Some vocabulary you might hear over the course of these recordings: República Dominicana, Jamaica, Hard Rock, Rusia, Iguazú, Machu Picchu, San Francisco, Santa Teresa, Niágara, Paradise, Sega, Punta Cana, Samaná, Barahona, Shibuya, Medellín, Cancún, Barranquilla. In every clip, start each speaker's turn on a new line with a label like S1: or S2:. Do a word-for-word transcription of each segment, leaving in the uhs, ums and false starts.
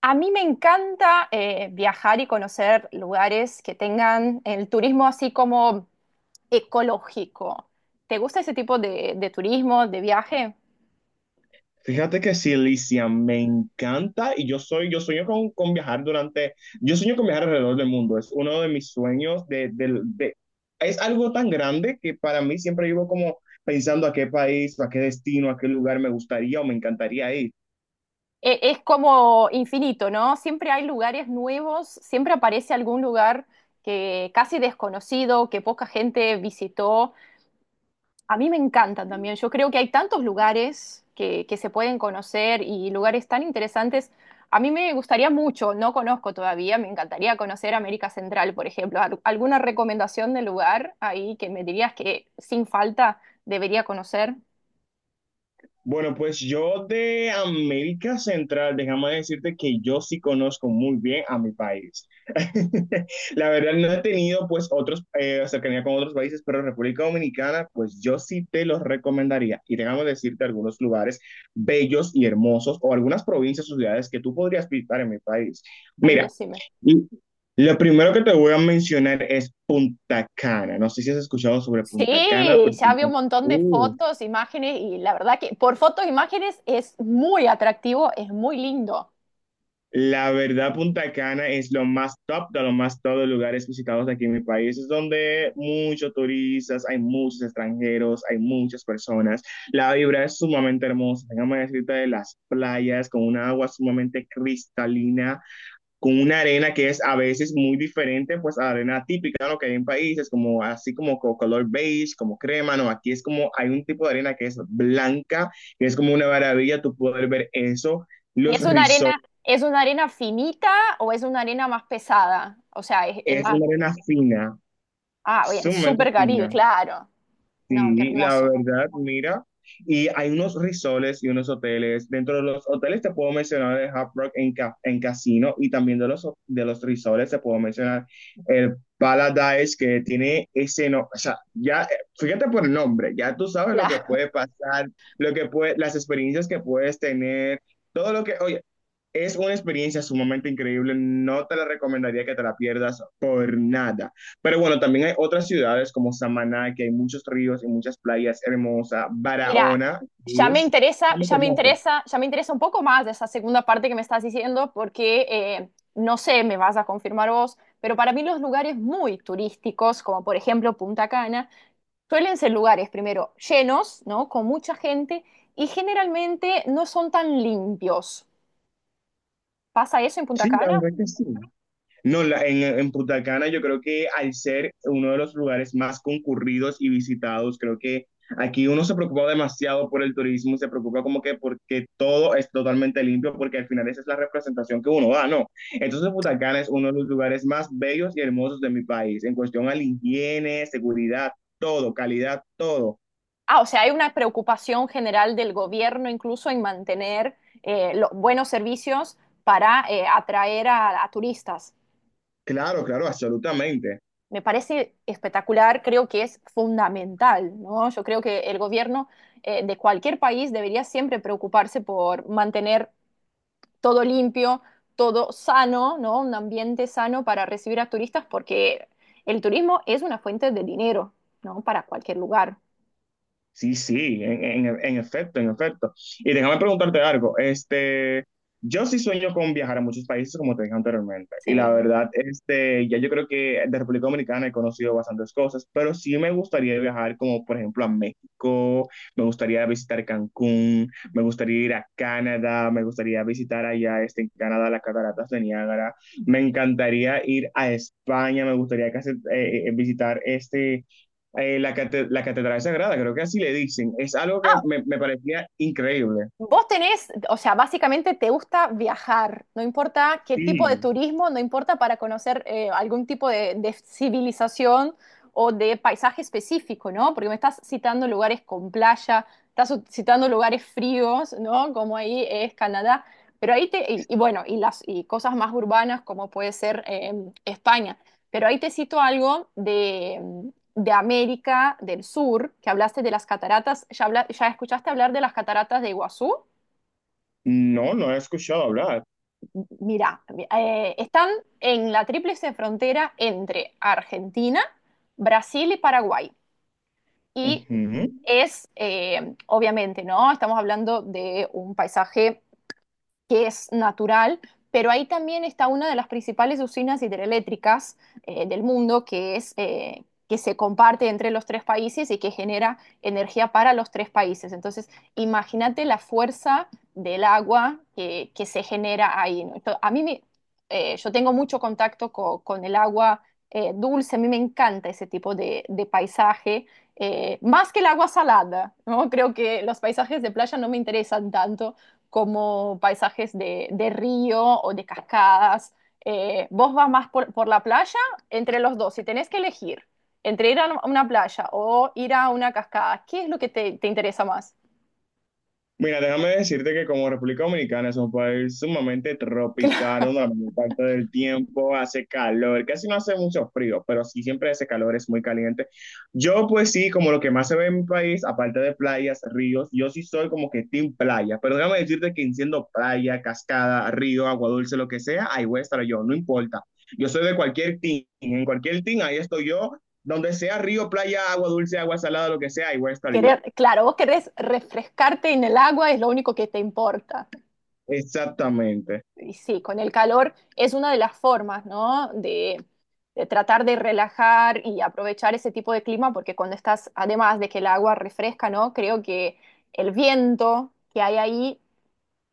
S1: A mí me encanta eh, viajar y conocer lugares que tengan el turismo así como ecológico. ¿Te gusta ese tipo de, de turismo, de viaje?
S2: Fíjate que sí, Alicia, me encanta y yo soy, yo sueño con, con viajar durante, yo sueño con viajar alrededor del mundo. Es uno de mis sueños de, del- de- es algo tan grande que para mí siempre vivo como pensando a qué país, a qué destino, a qué lugar me gustaría o me encantaría ir.
S1: E- es como infinito, ¿no? Siempre hay lugares nuevos, siempre aparece algún lugar que casi desconocido, que poca gente visitó. A mí me encantan también. Yo creo que hay tantos lugares que, que se pueden conocer y lugares tan interesantes. A mí me gustaría mucho, no conozco todavía, me encantaría conocer América Central, por ejemplo. Al- ¿Alguna recomendación de lugar ahí que me dirías que sin falta debería conocer?
S2: Bueno, pues yo de América Central, déjame decirte que yo sí conozco muy bien a mi país. La verdad no he tenido pues otros, eh, cercanía con otros países, pero República Dominicana, pues yo sí te los recomendaría. Y déjame decirte algunos lugares bellos y hermosos o algunas provincias o ciudades que tú podrías visitar en mi país.
S1: Ahí
S2: Mira,
S1: decime.
S2: y lo primero que te voy a mencionar es Punta Cana. No sé si has escuchado sobre
S1: Sí,
S2: Punta Cana, pero
S1: ya vi
S2: Punta
S1: un montón de
S2: Cana...
S1: fotos, imágenes y la verdad que por fotos, imágenes es muy atractivo, es muy lindo.
S2: La verdad, Punta Cana es lo más top de los más top de lugares visitados aquí en mi país. Es donde muchos turistas, hay muchos extranjeros, hay muchas personas. La vibra es sumamente hermosa. Déjame decirte de las playas con una agua sumamente cristalina, con una arena que es a veces muy diferente pues a la arena típica, ¿no? Que hay en países como así como co- color beige, como crema, ¿no? Aquí es como hay un tipo de arena que es blanca, que es como una maravilla tu poder ver eso.
S1: ¿Y
S2: Los
S1: es una
S2: resorts...
S1: arena, es una arena finita o es una arena más pesada? O sea, es, es
S2: Es
S1: más.
S2: una arena fina,
S1: Ah, bien,
S2: sumamente
S1: súper Caribe,
S2: fina.
S1: claro. No, qué
S2: Sí, la
S1: hermoso.
S2: verdad, mira. Y hay unos resorts y unos hoteles. Dentro de los hoteles te puedo mencionar el Hard Rock en, ca- en casino, y también de los, ho- de los resorts te puedo mencionar el Paradise, que tiene ese no, o sea, ya, eh, fíjate por el nombre, ya tú sabes lo que
S1: Claro.
S2: puede pasar, lo que puede, las experiencias que puedes tener, todo lo que, oye, es una experiencia sumamente increíble, no te la recomendaría que te la pierdas por nada. Pero bueno, también hay otras ciudades como Samaná, que hay muchos ríos y muchas playas hermosas,
S1: Mira,
S2: Barahona,
S1: ya
S2: que
S1: me
S2: es
S1: interesa,
S2: realmente
S1: ya me
S2: hermoso.
S1: interesa, ya me interesa un poco más de esa segunda parte que me estás diciendo, porque eh, no sé, me vas a confirmar vos, pero para mí los lugares muy turísticos, como por ejemplo Punta Cana, suelen ser lugares primero llenos, ¿no? Con mucha gente y generalmente no son tan limpios. ¿Pasa eso en Punta
S2: Sí, la
S1: Cana?
S2: verdad que sí. No, la- en, en Punta Cana yo creo que al ser uno de los lugares más concurridos y visitados, creo que aquí uno se preocupa demasiado por el turismo, se preocupa como que porque todo es totalmente limpio, porque al final esa es la representación que uno da, ¿no? Entonces Punta Cana es uno de los lugares más bellos y hermosos de mi país, en cuestión a la higiene, seguridad, todo, calidad, todo.
S1: Ah, o sea, hay una preocupación general del gobierno incluso en mantener eh, los buenos servicios para eh, atraer a, a turistas.
S2: Claro, claro, absolutamente.
S1: Me parece espectacular, creo que es fundamental, ¿no? Yo creo que el gobierno eh, de cualquier país debería siempre preocuparse por mantener todo limpio, todo sano, ¿no? Un ambiente sano para recibir a turistas porque el turismo es una fuente de dinero, ¿no? Para cualquier lugar.
S2: Sí, sí, en, en, en efecto, en efecto. Y déjame preguntarte algo. Este, yo sí sueño con viajar a muchos países, como te dije anteriormente. Y la
S1: Sí.
S2: verdad, este, ya yo creo que de República Dominicana he conocido bastantes cosas, pero sí me gustaría viajar, como por ejemplo a México, me gustaría visitar Cancún, me gustaría ir a Canadá, me gustaría visitar allá, este, en Canadá, las cataratas de Niágara. Me encantaría ir a España, me gustaría casi, eh, eh, visitar este eh, la, cate- la Catedral Sagrada, creo que así le dicen. Es algo que
S1: Ah,
S2: me, me parecía increíble.
S1: Vos tenés, o sea, básicamente te gusta viajar, no importa qué tipo de
S2: Sí.
S1: turismo, no importa para conocer eh, algún tipo de, de civilización o de paisaje específico, ¿no? Porque me estás citando lugares con playa, estás u- citando lugares fríos, ¿no? Como ahí es Canadá, pero ahí te, y, y bueno, y las y cosas más urbanas como puede ser eh, España, pero ahí te cito algo de América del Sur, que hablaste de las cataratas, ¿ya, habla- ya escuchaste hablar de las cataratas de Iguazú?
S2: No, no he escuchado hablar.
S1: M- Mira, eh, están en la tríplice frontera entre Argentina, Brasil y Paraguay. Y
S2: Ujú.
S1: es, eh, obviamente, ¿no? Estamos hablando de un paisaje que es natural, pero ahí también está una de las principales usinas hidroeléctricas eh, del mundo, que es eh, que se comparte entre los tres países y que genera energía para los tres países. Entonces, imagínate la fuerza del agua que, que se genera ahí, ¿no? Entonces, a mí me- eh, yo tengo mucho contacto co- con, el agua eh, dulce, a mí me encanta ese tipo de, de paisaje, eh, más que el agua salada, ¿no? Creo que los paisajes de playa no me interesan tanto como paisajes de, de río o de cascadas. Eh, vos vas más por, por la playa, entre los dos, si tenés que elegir entre ir a una playa o ir a una cascada, ¿qué es lo que te, te interesa más?
S2: Mira, déjame decirte que como República Dominicana es un país sumamente tropical, una la mayor parte del tiempo hace calor, casi no hace mucho frío, pero sí siempre hace calor, es muy caliente. Yo pues sí, como lo que más se ve en mi país, aparte de playas, ríos, yo sí soy como que team playa, pero déjame decirte que siendo playa, cascada, río, agua dulce, lo que sea, ahí voy a estar yo, no importa. Yo soy de cualquier team, en cualquier team, ahí estoy yo, donde sea río, playa, agua dulce, agua salada, lo que sea, ahí voy a estar yo.
S1: Querer, claro, vos querés refrescarte en el agua, es lo único que te importa.
S2: Exactamente.
S1: Y sí, con el calor es una de las formas, ¿no? De, de tratar de relajar y aprovechar ese tipo de clima, porque cuando estás, además de que el agua refresca, ¿no? Creo que el viento que hay ahí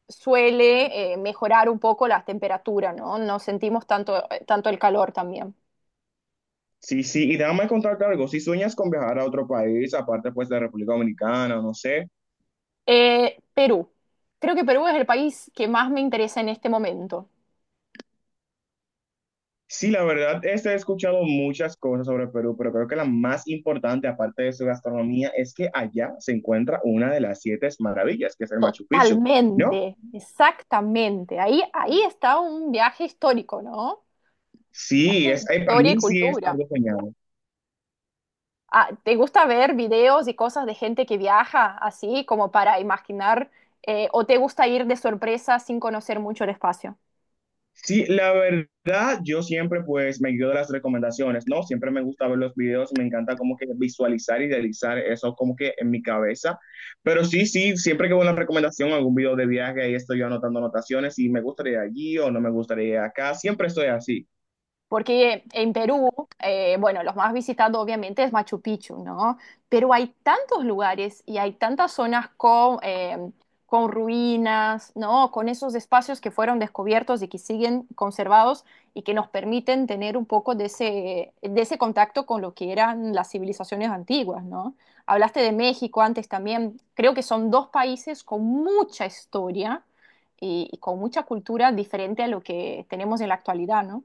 S1: suele eh, mejorar un poco las temperaturas, ¿no? No sentimos tanto, eh, tanto el calor también.
S2: Sí, sí, y déjame contarte algo, si sueñas con viajar a otro país, aparte pues de República Dominicana, no sé.
S1: Eh, Perú. Creo que Perú es el país que más me interesa en este momento.
S2: Sí, la verdad, este, he escuchado muchas cosas sobre Perú, pero creo que la más importante, aparte de su gastronomía, es que allá se encuentra una de las siete maravillas, que es el Machu Picchu, ¿no?
S1: Totalmente, exactamente. Ahí, ahí está un viaje histórico, ¿no? Es
S2: Sí,
S1: que
S2: es, eh, para
S1: historia y
S2: mí sí es
S1: cultura.
S2: algo genial.
S1: Ah, ¿te gusta ver videos y cosas de gente que viaja así como para imaginar? eh, ¿o te gusta ir de sorpresa sin conocer mucho el espacio?
S2: Sí, la verdad, yo siempre pues me guío de las recomendaciones, ¿no? Siempre me gusta ver los videos, me encanta como que visualizar, idealizar eso como que en mi cabeza. Pero sí, sí, siempre que veo una recomendación, algún video de viaje, ahí estoy yo anotando anotaciones y me gustaría allí o no me gustaría acá, siempre estoy así.
S1: Porque en Perú, eh, bueno, los más visitados obviamente es Machu Picchu, ¿no? Pero hay tantos lugares y hay tantas zonas con, eh, con ruinas, ¿no? Con esos espacios que fueron descubiertos y que siguen conservados y que nos permiten tener un poco de ese, de ese contacto con lo que eran las civilizaciones antiguas, ¿no? Hablaste de México antes también. Creo que son dos países con mucha historia y, y con mucha cultura diferente a lo que tenemos en la actualidad, ¿no?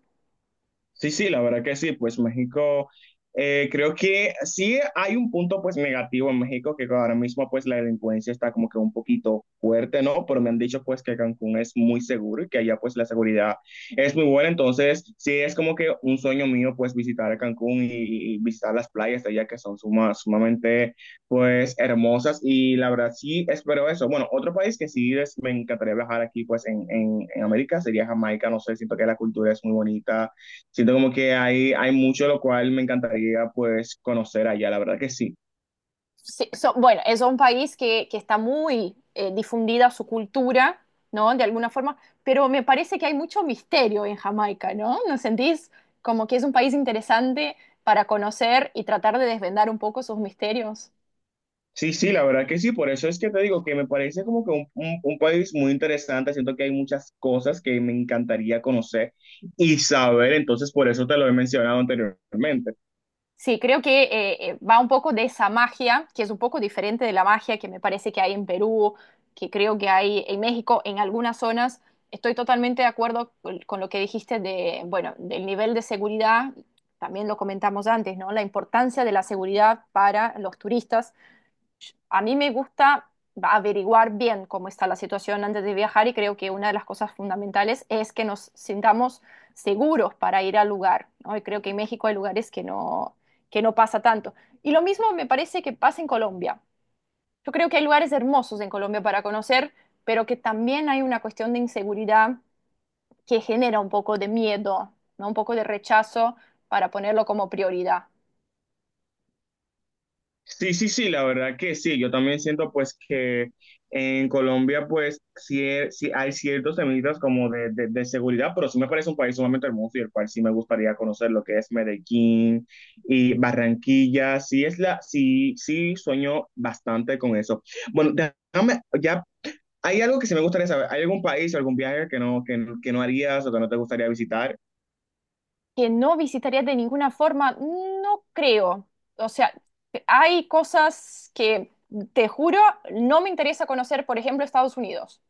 S2: Sí, sí, la verdad que sí, pues México, eh, creo que sí hay un punto pues negativo en México, que ahora mismo pues la delincuencia está como que un poquito fuerte, ¿no? Pero me han dicho pues que Cancún es muy seguro y que allá pues la seguridad es muy buena, entonces sí es como que un sueño mío pues visitar a Cancún y, y visitar las playas de allá que son suma- sumamente pues hermosas y la verdad sí espero eso. Bueno, otro país que sí es- me encantaría viajar aquí pues en, en, en América sería Jamaica, no sé, siento que la cultura es muy bonita. Siento como que hay, hay mucho lo cual me encantaría pues conocer allá, la verdad que sí.
S1: Sí, so- bueno, es un país que, que está muy eh, difundida su cultura, ¿no? De alguna forma, pero me parece que hay mucho misterio en Jamaica, ¿no? ¿No sentís como que es un país interesante para conocer y tratar de desvendar un poco sus misterios?
S2: Sí, sí, la verdad que sí, por eso es que te digo que me parece como que un, un- un país muy interesante, siento que hay muchas cosas que me encantaría conocer y saber, entonces por eso te lo he mencionado anteriormente.
S1: Sí, creo que eh, eh, va un poco de esa magia, que es un poco diferente de la magia que me parece que hay en Perú, que creo que hay en México, en algunas zonas. Estoy totalmente de acuerdo con con lo que dijiste de, bueno, del nivel de seguridad, también lo comentamos antes, ¿no? La importancia de la seguridad para los turistas a mí me gusta averiguar bien cómo está la situación antes de viajar y creo que una de las cosas fundamentales es que nos sintamos seguros para ir al lugar, ¿no? Y creo que en México hay lugares que no, que no pasa tanto. Y lo mismo me parece que pasa en Colombia. Yo creo que hay lugares hermosos en Colombia para conocer, pero que también hay una cuestión de inseguridad que genera un poco de miedo, ¿no? Un poco de rechazo para ponerlo como prioridad.
S2: Sí, sí, sí, la verdad que sí. Yo también siento pues que en Colombia pues sí, he- sí hay ciertos temitas como de, de, de seguridad, pero sí me parece un país sumamente hermoso y el cual sí me gustaría conocer lo que es Medellín y Barranquilla. Sí, es la, sí, sí sueño bastante con eso. Bueno, déjame, ya hay algo que sí me gustaría saber. ¿Hay algún país o algún viaje que no, que, no- que no harías o que no te gustaría visitar?
S1: Que no visitaría de ninguna forma, no creo. O sea, hay cosas que, te juro, no me interesa conocer, por ejemplo, Estados Unidos.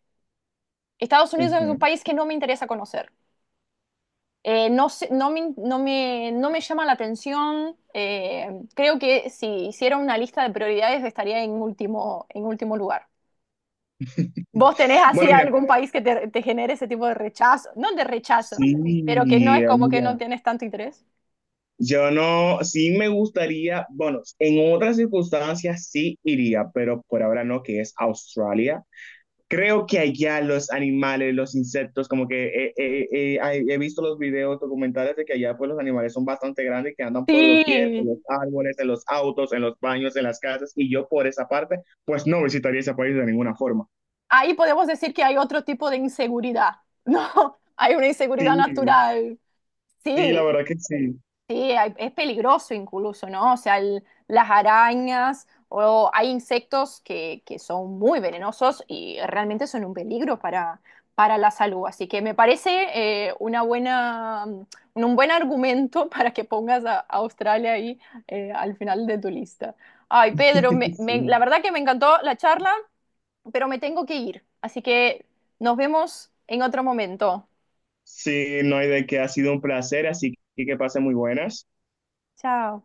S1: Estados Unidos es
S2: Ujú.
S1: un país que no me interesa conocer. Eh, no sé- no me, no me- no me llama la atención. Eh, creo que si hiciera una lista de prioridades estaría en último, en último lugar. ¿Vos tenés así
S2: Bueno, mira,
S1: algún país que te, te genere ese tipo de rechazo? No de rechazo,
S2: sí,
S1: pero que no es como que no
S2: mira.
S1: tienes tanto interés.
S2: Yo no, sí me gustaría, bueno, en otras circunstancias sí iría, pero por ahora no, que es Australia. Creo que allá los animales, los insectos, como que eh, eh, eh, hay- he visto los videos documentales de que allá pues los animales son bastante grandes, que andan por doquier, en
S1: Sí,
S2: los árboles, en los autos, en los baños, en las casas, y yo por esa parte pues no visitaría ese país de ninguna forma.
S1: ahí podemos decir que hay otro tipo de inseguridad, ¿no? Hay una
S2: Sí,
S1: inseguridad natural.
S2: sí, la
S1: Sí,
S2: verdad que sí.
S1: sí, hay- es peligroso incluso, ¿no? O sea, el- las arañas o hay insectos que, que son muy venenosos y realmente son un peligro para, para la salud. Así que me parece eh, una buena, mm, un buen argumento para que pongas a, a Australia ahí eh, al final de tu lista. Ay, Pedro, me- me- la
S2: Sí,
S1: verdad que me encantó la charla, pero me tengo que ir. Así que nos vemos en otro momento.
S2: sí, no hay de qué, ha sido un placer, así que que pasen muy buenas.
S1: Chao.